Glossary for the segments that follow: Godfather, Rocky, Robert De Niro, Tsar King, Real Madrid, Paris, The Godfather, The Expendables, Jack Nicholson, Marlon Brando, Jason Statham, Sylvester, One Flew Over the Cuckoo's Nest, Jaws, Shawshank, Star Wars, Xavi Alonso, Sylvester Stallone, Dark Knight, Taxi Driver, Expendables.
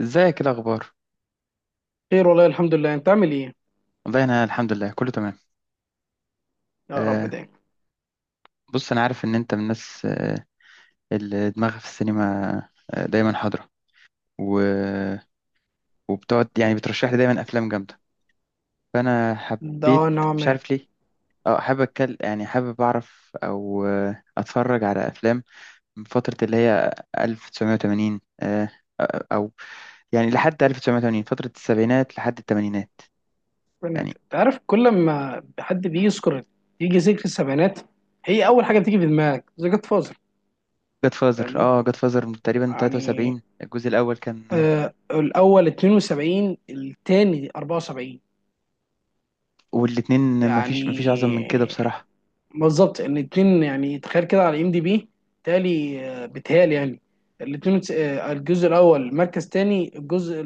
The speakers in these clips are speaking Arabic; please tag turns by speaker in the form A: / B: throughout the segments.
A: ازيك؟ ايه الاخبار؟
B: خير والله، الحمد لله. انت عامل ايه؟
A: والله انا الحمد لله كله تمام.
B: يا رب
A: آه
B: دايما.
A: بص، انا عارف ان انت من الناس اللي دماغها في السينما، دايما حاضره و... وبتقعد يعني بترشح لي دايما افلام جامده، فانا
B: ده
A: حبيت. مش
B: نعمة.
A: عارف ليه. اه حابب اتكلم، يعني حابب اعرف او اتفرج على افلام من فتره اللي هي 1980، او يعني لحد 1980، فتره السبعينات لحد الثمانينات يعني.
B: انت عارف كل ما حد بيجي يذكر، يجي ذكر السبعينات، هي اول حاجه بتيجي في دماغك ذا جاد فازر.
A: جاد فازر،
B: فاهمني؟
A: اه جاد فازر تقريبا
B: يعني
A: 73 الجزء الاول كان.
B: الاول 72، الثاني 74.
A: والاتنين
B: يعني
A: مفيش، مفيش أعظم من كده بصراحة.
B: بالظبط، ان اتنين، يعني تخيل كده، على ام دي بي تالي، بتهيألي يعني الاتنين، الجزء الاول مركز تاني، الجزء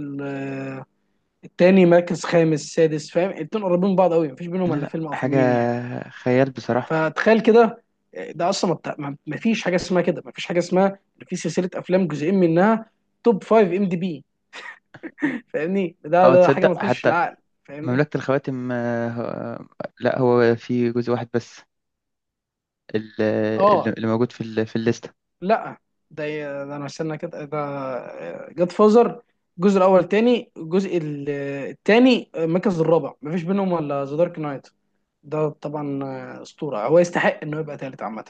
B: التاني مركز خامس سادس. فاهم؟ الاتنين قريبين من بعض قوي، مفيش بينهم
A: لا
B: الا
A: لا،
B: فيلم او
A: حاجة
B: فيلمين يعني.
A: خيال بصراحة.
B: فتخيل كده، ده اصلا ما فيش حاجه اسمها كده، ما فيش حاجه اسمها إن في سلسله افلام جزئين منها توب 5 ام دي بي. فاهمني؟ ده
A: اه
B: ده حاجه ما
A: تصدق
B: تخش
A: حتى
B: العقل. فاهمني؟
A: مملكة الخواتم، آه، لا هو في جزء واحد بس ال- اللي
B: اه،
A: اللي موجود في في الليستة.
B: لا. ده, ده انا استنى كده. ده جاد فازر الجزء الاول تاني، الجزء التاني المركز الرابع، ما فيش بينهم الا ذا دارك نايت. ده طبعا اسطوره، هو يستحق انه يبقى تالت عامه.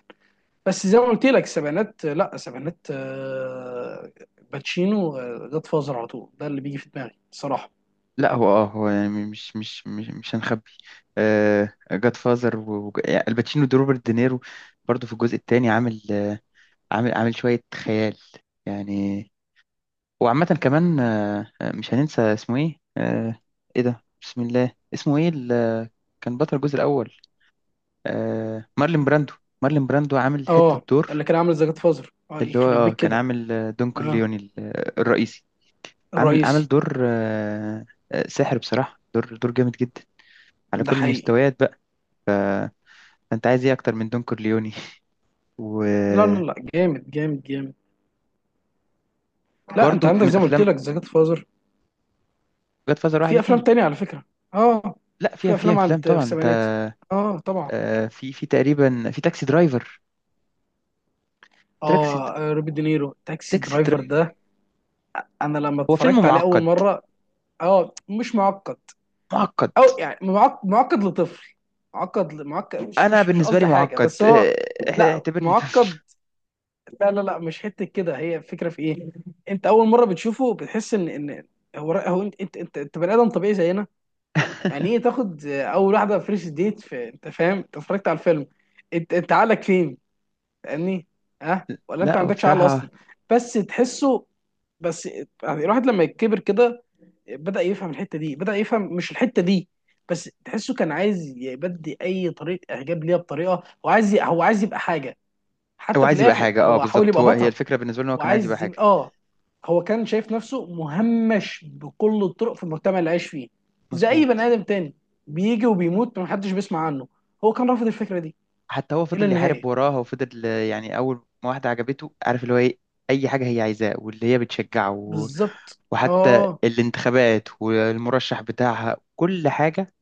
B: بس زي ما قلت لك، السبعينات، لا السبعينات آه، باتشينو، جاد فازر، على طول ده اللي بيجي في دماغي الصراحه.
A: لا هو اه هو يعني مش هنخبي. جاد فازر والباتشينو ده روبرت دينيرو برضو في الجزء الثاني عامل، عامل شوية خيال يعني. وعامة كمان، مش هننسى اسمه ايه، ايه ده؟ بسم الله، اسمه ايه اللي كان بطل الجزء الأول؟ مارلين براندو. مارلين براندو عامل حتة
B: اه، اللي
A: دور،
B: كان عامل زي جاد فازر، اه
A: اللي هو
B: يخرب بيك
A: كان
B: كده.
A: عامل دون
B: اه،
A: كورليوني الرئيسي. عامل
B: الرئيسي.
A: دور، ساحر بصراحة، دور دور جامد جدا على
B: ده
A: كل
B: حقيقي.
A: المستويات بقى. ف- فانت عايز ايه اكتر من دون كورليوني؟
B: لا لا
A: وبرضو
B: لا جامد جامد جامد. لا، انت عندك
A: من
B: زي ما قلت
A: الافلام
B: لك، زي جاد فازر،
A: جاد فازر واحد
B: في افلام
A: واتنين.
B: تانية على فكره. اه،
A: لا، فيها
B: في
A: فيها
B: افلام
A: افلام
B: في
A: طبعا انت،
B: السبعينات. اه طبعا.
A: في في تقريبا في تاكسي درايفر.
B: اه، روبي دينيرو، تاكسي
A: تاكسي
B: درايفر ده
A: درايفر
B: انا لما
A: هو
B: اتفرجت
A: فيلم
B: عليه اول
A: معقد.
B: مره، اه مش معقد.
A: معقد،
B: معقد لطفل، معقد، مش
A: انا
B: مش مش
A: بالنسبه لي
B: قصدي حاجه
A: معقد،
B: بس هو. لا
A: اعتبرني طفل.
B: معقد. لا مش حته كده، هي الفكره في ايه؟ انت اول مره بتشوفه بتحس ان هو انت انت بني ادم طبيعي زينا. يعني ايه تاخد اول واحده فيرست ديت في، انت فاهم؟ انت اتفرجت على الفيلم، انت عقلك فين؟ فاهمني؟ ها، ولا انت ما
A: لا هو
B: عندكش عقل اصلا؟
A: بصراحه
B: بس تحسه، بس يعني الواحد لما يكبر كده بدأ يفهم الحتة دي، بدأ يفهم مش الحتة دي. بس تحسه كان عايز يبدي أي طريقة إعجاب ليها، بطريقة هو عايز هو عايز يبقى حاجة.
A: هو
B: حتى في
A: عايز يبقى
B: الآخر
A: حاجه. اه
B: هو حاول
A: بالظبط،
B: يبقى
A: هو هي
B: بطل.
A: الفكره بالنسبه له، هو
B: هو
A: كان عايز يبقى
B: عايز
A: حاجه.
B: يبقى آه، هو كان شايف نفسه مهمش بكل الطرق في المجتمع اللي عايش فيه، زي أي بني
A: مظبوط.
B: آدم تاني، بيجي وبيموت محدش بيسمع عنه. هو كان رافض الفكرة دي
A: حتى هو
B: إلى
A: فضل يحارب
B: النهاية.
A: وراها وفضل، يعني اول ما واحده عجبته عارف اللي هو ايه، اي حاجه هي عايزاه واللي هي بتشجعه
B: بالظبط
A: وحتى
B: آه.
A: الانتخابات والمرشح بتاعها، كل حاجه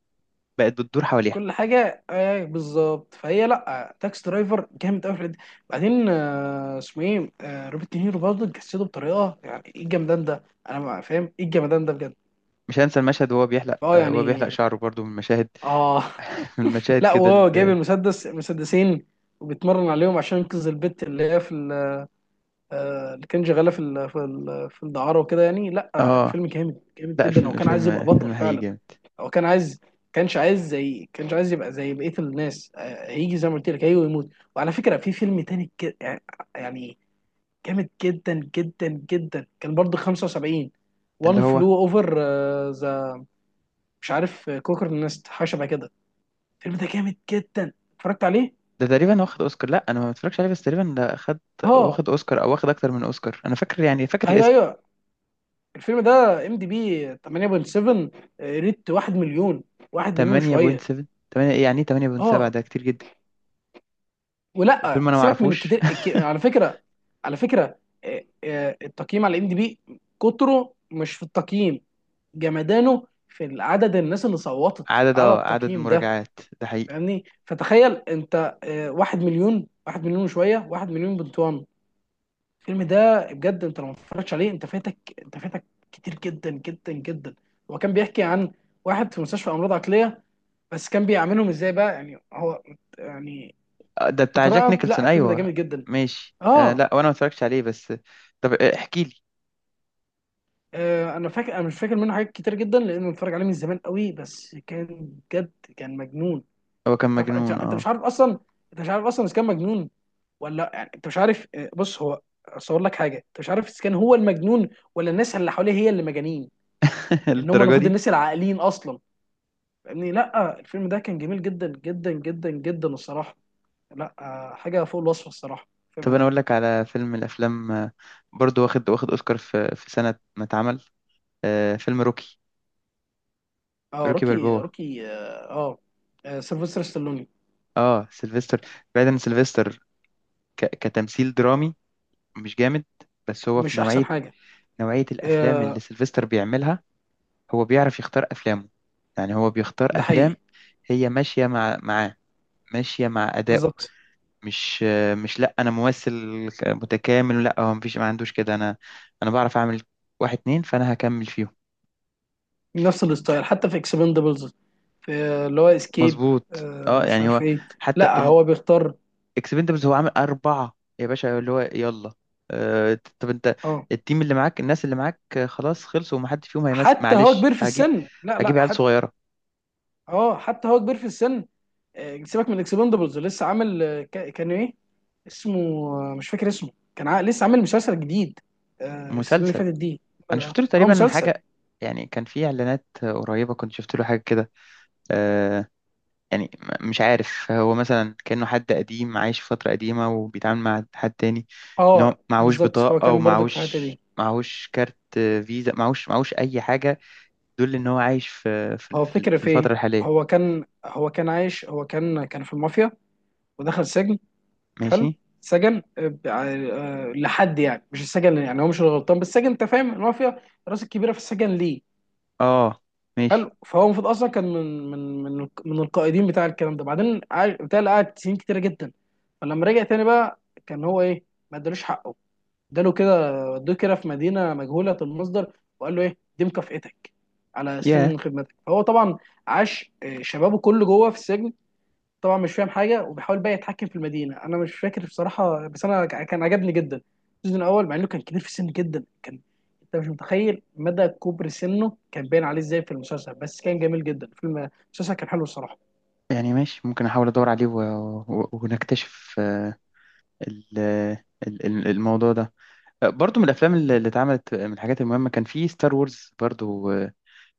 A: بقت بتدور حواليها.
B: كل حاجه، ايه بالظبط، فهي لا، تاكس درايفر جامد قوي في الحتة دي. بعدين اسمه ايه، روبرت دينيرو، برضه جسده بطريقه، يعني ايه الجمدان ده؟ انا ما فاهم ايه الجمدان ده بجد.
A: مش هنسى المشهد وهو بيحلق،
B: اه
A: وهو بيحلق
B: يعني،
A: شعره برضو من مشاهد.
B: اه
A: من مشاهد
B: لا،
A: كده
B: وهو جايب المسدس، مسدسين، وبيتمرن عليهم عشان ينقذ البت اللي هي في اللي كان شغاله في في الدعاره وكده يعني. لا
A: اه.
B: الفيلم جامد جامد
A: لا
B: جدا، لو
A: الفيلم،
B: كان عايز
A: الفيلم
B: يبقى بطل
A: الفيلم حقيقي
B: فعلا.
A: جامد.
B: هو كان عايز، كانش عايز يبقى زي بقيه الناس، هيجي زي ما قلت لك، هيجي ويموت. وعلى فكره في فيلم تاني يعني جامد جدا جدا جدا، كان برضه 75،
A: اللي
B: وان
A: هو
B: فلو اوفر. ذا، مش عارف كوكر نست، حاجه شبه كده. الفيلم ده جامد جدا، اتفرجت عليه.
A: ده تقريبا واخد اوسكار. لا انا ما بتفرجش عليه بس تقريبا ده خد
B: اه.
A: واخد اوسكار او واخد اكتر من اوسكار، انا فاكر، يعني فاكر
B: ايوه
A: الاسم.
B: ايوه، الفيلم ده ام دي بي 8.7، ريت 1 مليون، 1 مليون وشويه.
A: 8.7؟ 8 ايه يعني؟ إيه 8.7
B: اه،
A: ده، كتير جدا.
B: ولا
A: وفيلم انا ما
B: سيبك من
A: اعرفوش.
B: الكتير على فكره، على فكره، التقييم على ام دي بي، كتره مش في التقييم، جمدانه في عدد الناس اللي صوتت
A: عدد،
B: على
A: اه عدد
B: التقييم ده.
A: المراجعات ده حقيقي.
B: فاهمني؟ فتخيل انت، واحد مليون، واحد مليون وشويه، واحد مليون بنت وان. الفيلم ده بجد انت لو ما اتفرجتش عليه انت فاتك، انت فاتك كتير جدا جدا جدا. هو كان بيحكي عن واحد في مستشفى امراض عقليه، بس كان بيعاملهم ازاي بقى، يعني هو يعني
A: ده بتاع جاك
B: بطريقه،
A: نيكلسون،
B: لا الفيلم ده
A: ايوه.
B: جامد جدا.
A: ماشي، آه
B: اه.
A: لا وانا ما اتفرجتش عليه بس. طب احكي لي.
B: انا فاكر، انا مش فاكر منه حاجات كتير جدا لانه بتفرج عليه من زمان قوي، بس كان بجد كان مجنون.
A: هو كان
B: انت
A: مجنون،
B: انت مش
A: اه.
B: عارف اصلا، انت مش عارف اصلا اذا كان مجنون ولا لأ. يعني انت مش عارف. بص، هو اصور لك حاجه، انت مش عارف اذا كان هو المجنون ولا الناس اللي حواليه هي اللي مجانين، ان هم
A: للدرجه
B: المفروض
A: دي؟
B: الناس العاقلين اصلا. فاهمني؟ لا الفيلم ده كان جميل جدا جدا جدا جدا الصراحه. لا حاجه فوق الوصف الصراحه
A: طب
B: الفيلم
A: انا
B: ده.
A: اقول لك على فيلم من الافلام، برضو واخد، واخد اوسكار في في سنه ما اتعمل، آه فيلم روكي.
B: اه
A: روكي
B: روكي،
A: بالبو.
B: روكي، سيلفستر ستالوني.
A: اه سيلفستر. بعيدا عن سيلفستر، كتمثيل درامي مش جامد، بس هو في
B: مش احسن
A: نوعية،
B: حاجه،
A: نوعية الأفلام اللي
B: آه.
A: سيلفستر بيعملها. هو بيعرف يختار أفلامه، يعني هو بيختار
B: ده حقيقي.
A: أفلام هي ماشية مع معاه، ماشية مع أدائه.
B: بالظبط.
A: مش، مش لا أنا ممثل متكامل، لا هو مفيش، ما عندوش كده. أنا، أنا بعرف أعمل واحد اتنين فأنا هكمل فيهم.
B: نفس الستايل حتى في اكسبندبلز، في اللي هو اسكيب،
A: مظبوط. اه
B: مش
A: يعني
B: عارف
A: هو،
B: ايه.
A: حتى
B: لا هو بيختار.
A: اكسبندبلز هو عامل أربعة يا باشا، اللي هو يلا، طب انت
B: اه
A: التيم اللي معاك، الناس اللي معاك، خلاص خلصوا ومحدش فيهم هيمثل،
B: حتى هو
A: معلش
B: كبير في
A: هجيب،
B: السن. لا لا،
A: هجيب عيال
B: حتى
A: صغيرة.
B: اه، حتى هو كبير في السن. سيبك من اكسبندبلز، لسه عامل، كان ايه اسمه، مش فاكر اسمه. لسه عامل مسلسل جديد، السنه اللي
A: مسلسل،
B: فاتت دي.
A: انا شفت له
B: اه
A: تقريبا
B: مسلسل.
A: حاجة. يعني كان في اعلانات، قريبة كنت شفت له حاجة كده، آه، يعني مش عارف، هو مثلا كأنه حد قديم عايش في فترة قديمة وبيتعامل مع حد تاني. ان هو
B: اه
A: معهوش
B: بالظبط، هو
A: بطاقة،
B: كان برضك في الحته
A: ومعهوش،
B: دي.
A: معهوش كارت، فيزا، معهوش، معهوش اي حاجة تدل ان هو عايش في، في
B: هو الفكره
A: في
B: في
A: الفترة
B: ايه؟
A: الحالية.
B: هو كان عايش، هو كان في المافيا ودخل سجن.
A: ماشي.
B: حلو. سجن، لحد يعني مش السجن، يعني هو مش الغلطان، بس السجن، انت فاهم، المافيا الراس الكبيره في السجن ليه.
A: اه ماشي.
B: حلو. فهو المفروض اصلا كان من القائدين بتاع الكلام ده، بعدين قعد- بتاع اللي قعد سنين كتيره جدا. فلما رجع تاني بقى، كان هو ايه، ما ادالوش حقه، اداله كده، ودوه كده في مدينه مجهوله المصدر، وقال له ايه دي مكافئتك على
A: يا
B: سنين خدمتك. فهو طبعا عاش شبابه كله جوه في السجن، طبعا مش فاهم حاجه، وبيحاول بقى يتحكم في المدينه. انا مش فاكر بصراحه، بس انا كان عجبني جدا السيزون الاول، مع انه كان كبير في السن جدا. كان، انت مش متخيل مدى كبر سنه، كان باين عليه ازاي في المسلسل، بس كان جميل جدا. فيلم، المسلسل كان حلو الصراحه.
A: يعني ماشي، ممكن احاول ادور عليه ونكتشف، الموضوع ده. برضو من الافلام اللي اتعملت، من الحاجات المهمة كان في ستار وورز برضو،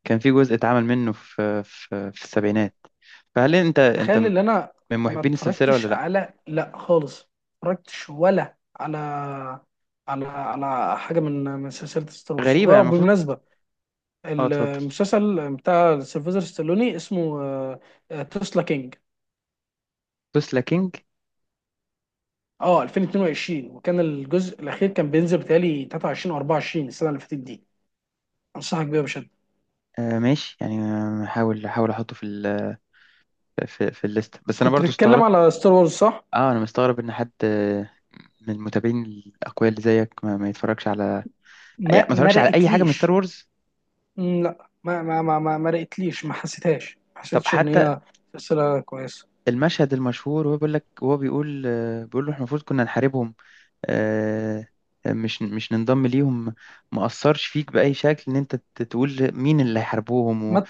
A: كان في جزء اتعمل منه في في السبعينات. فهل انت
B: تخيل ان
A: من
B: انا ما
A: محبين السلسلة
B: اتفرجتش
A: ولا لا؟
B: على، لا خالص، ما اتفرجتش ولا على على حاجه من سلسله ستار وورز.
A: غريبة، يعني المفروض.
B: وبالمناسبه،
A: اه اتفضل.
B: المسلسل بتاع سيلفستر ستالوني اسمه تسلا كينج.
A: توسلا كينج.
B: اه، 2022، وكان الجزء الاخير كان بينزل بتهيألي 23 او 24 السنه اللي فاتت دي. انصحك بيها بشده.
A: آه ماشي، يعني هحاول احطه في في الليست. بس انا
B: كنت
A: برضو
B: بتتكلم
A: استغربت.
B: على ستار وورز صح؟
A: اه انا مستغرب ان حد، من المتابعين الاقوياء اللي زيك ما يتفرجش على، يعني
B: ما
A: ما
B: ما
A: يتفرجش على اي حاجه من ستار
B: رأيتليش.
A: وورز.
B: مم، لا، ما رأيتليش، ما حسيتهاش، ما
A: طب
B: حسيتش ان
A: حتى
B: هي سلسله كويسه.
A: المشهد المشهور وهو بيقول لك، وهو بيقول، بيقول له احنا المفروض كنا نحاربهم، آه، مش مش ننضم ليهم. ما اثرش فيك باي شكل ان انت تقول مين اللي هيحاربوهم
B: ما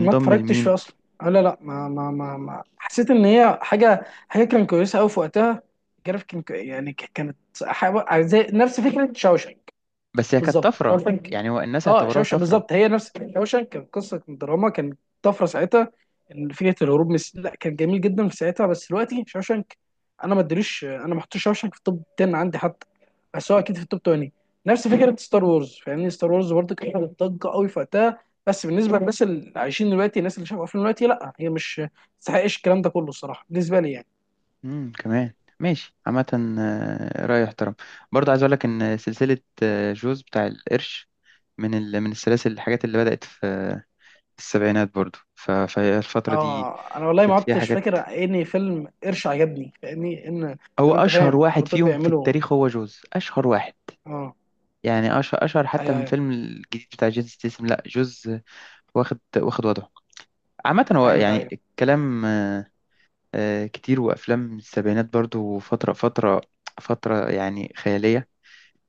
B: ما اتفرجتش
A: لمين؟
B: فيها اصلا. آه، لا لا ما ما ما, ما. حسيت ان هي حاجه كانت كويسه قوي في وقتها، جرافيك كانت، زي نفس فكره شاوشنك.
A: بس هي كانت
B: بالظبط
A: طفره،
B: شاوشانك.
A: يعني هو الناس
B: اه
A: اعتبروها
B: شاوشانك
A: طفره.
B: بالظبط، هي نفس شاوشانك، كان قصه دراما، كان طفره ساعتها. ان فكره الهروب من لا كان جميل جدا في ساعتها، بس دلوقتي شاوشانك انا ما ادريش، انا ما حطيتش شاوشانك في التوب 10 عندي حتى، بس هو اكيد في التوب 20. نفس فكره ستار وورز. فاهمني؟ ستار وورز برضه كانت عاملة ضجه قوي في وقتها، بس بالنسبه للناس اللي عايشين دلوقتي، الناس اللي شافوا افلام دلوقتي، لا هي مش ما تستحقش الكلام ده كله الصراحه بالنسبه لي يعني.
A: كمان ماشي، عامة، رأي احترم. برضه عايز اقول لك ان سلسلة، جوز بتاع القرش، من من السلاسل، الحاجات اللي بدأت في، السبعينات برضه، فهي الفترة دي
B: اه. انا والله ما
A: كانت فيها
B: عدتش
A: حاجات.
B: فاكر اني فيلم قرش عجبني. فاهمني؟ ان
A: هو
B: زي ما انت
A: اشهر
B: فاهم على
A: واحد
B: طول
A: فيهم في
B: بيعملوا،
A: التاريخ هو جوز، اشهر واحد
B: اه.
A: يعني، اشهر اشهر حتى
B: ايوه
A: من
B: ايوه،
A: الفيلم الجديد بتاع جيسون ستيسم. لا جوز، واخد واخد وضعه. عامة هو
B: ايوه
A: يعني
B: ايوه.
A: الكلام، كتير. وأفلام السبعينات برضو فترة، فترة يعني خيالية،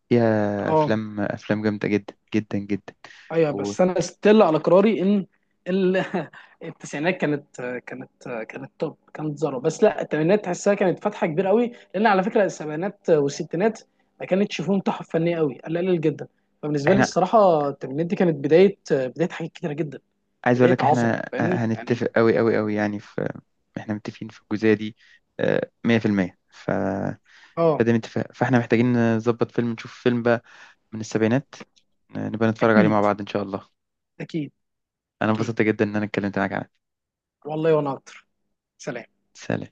A: فيها
B: اه
A: افلام، افلام جامده جدا جدا جدا.
B: ايوه، بس انا ستيل على قراري ان ال... التسعينات كانت، كانت كانت توب، كانت ذره. بس لا الثمانينات تحسها كانت فتحه كبيره قوي، لان على فكره السبعينات والستينات ما كانتش فيهم تحف فنيه قوي، قليل قليل جدا. فبالنسبه لي
A: واحنا
B: الصراحه الثمانينات دي كانت بدايه، بدايه حاجات كتيره جدا،
A: عايز اقول
B: بدايه
A: لك،
B: عظمه.
A: احنا
B: فاهمني يعني؟
A: هنتفق قوي قوي قوي يعني في، احنا متفقين في الجزئيه دي، 100%.
B: اه.
A: فده متفق، فاحنا محتاجين نظبط فيلم، نشوف فيلم بقى من السبعينات، نبقى نتفرج عليه مع
B: اكيد،
A: بعض ان شاء الله.
B: اكيد.
A: انا
B: اكيد
A: انبسطت جدا ان انا اتكلمت معاك عنه.
B: والله وانا اكتر. سلام.
A: سلام.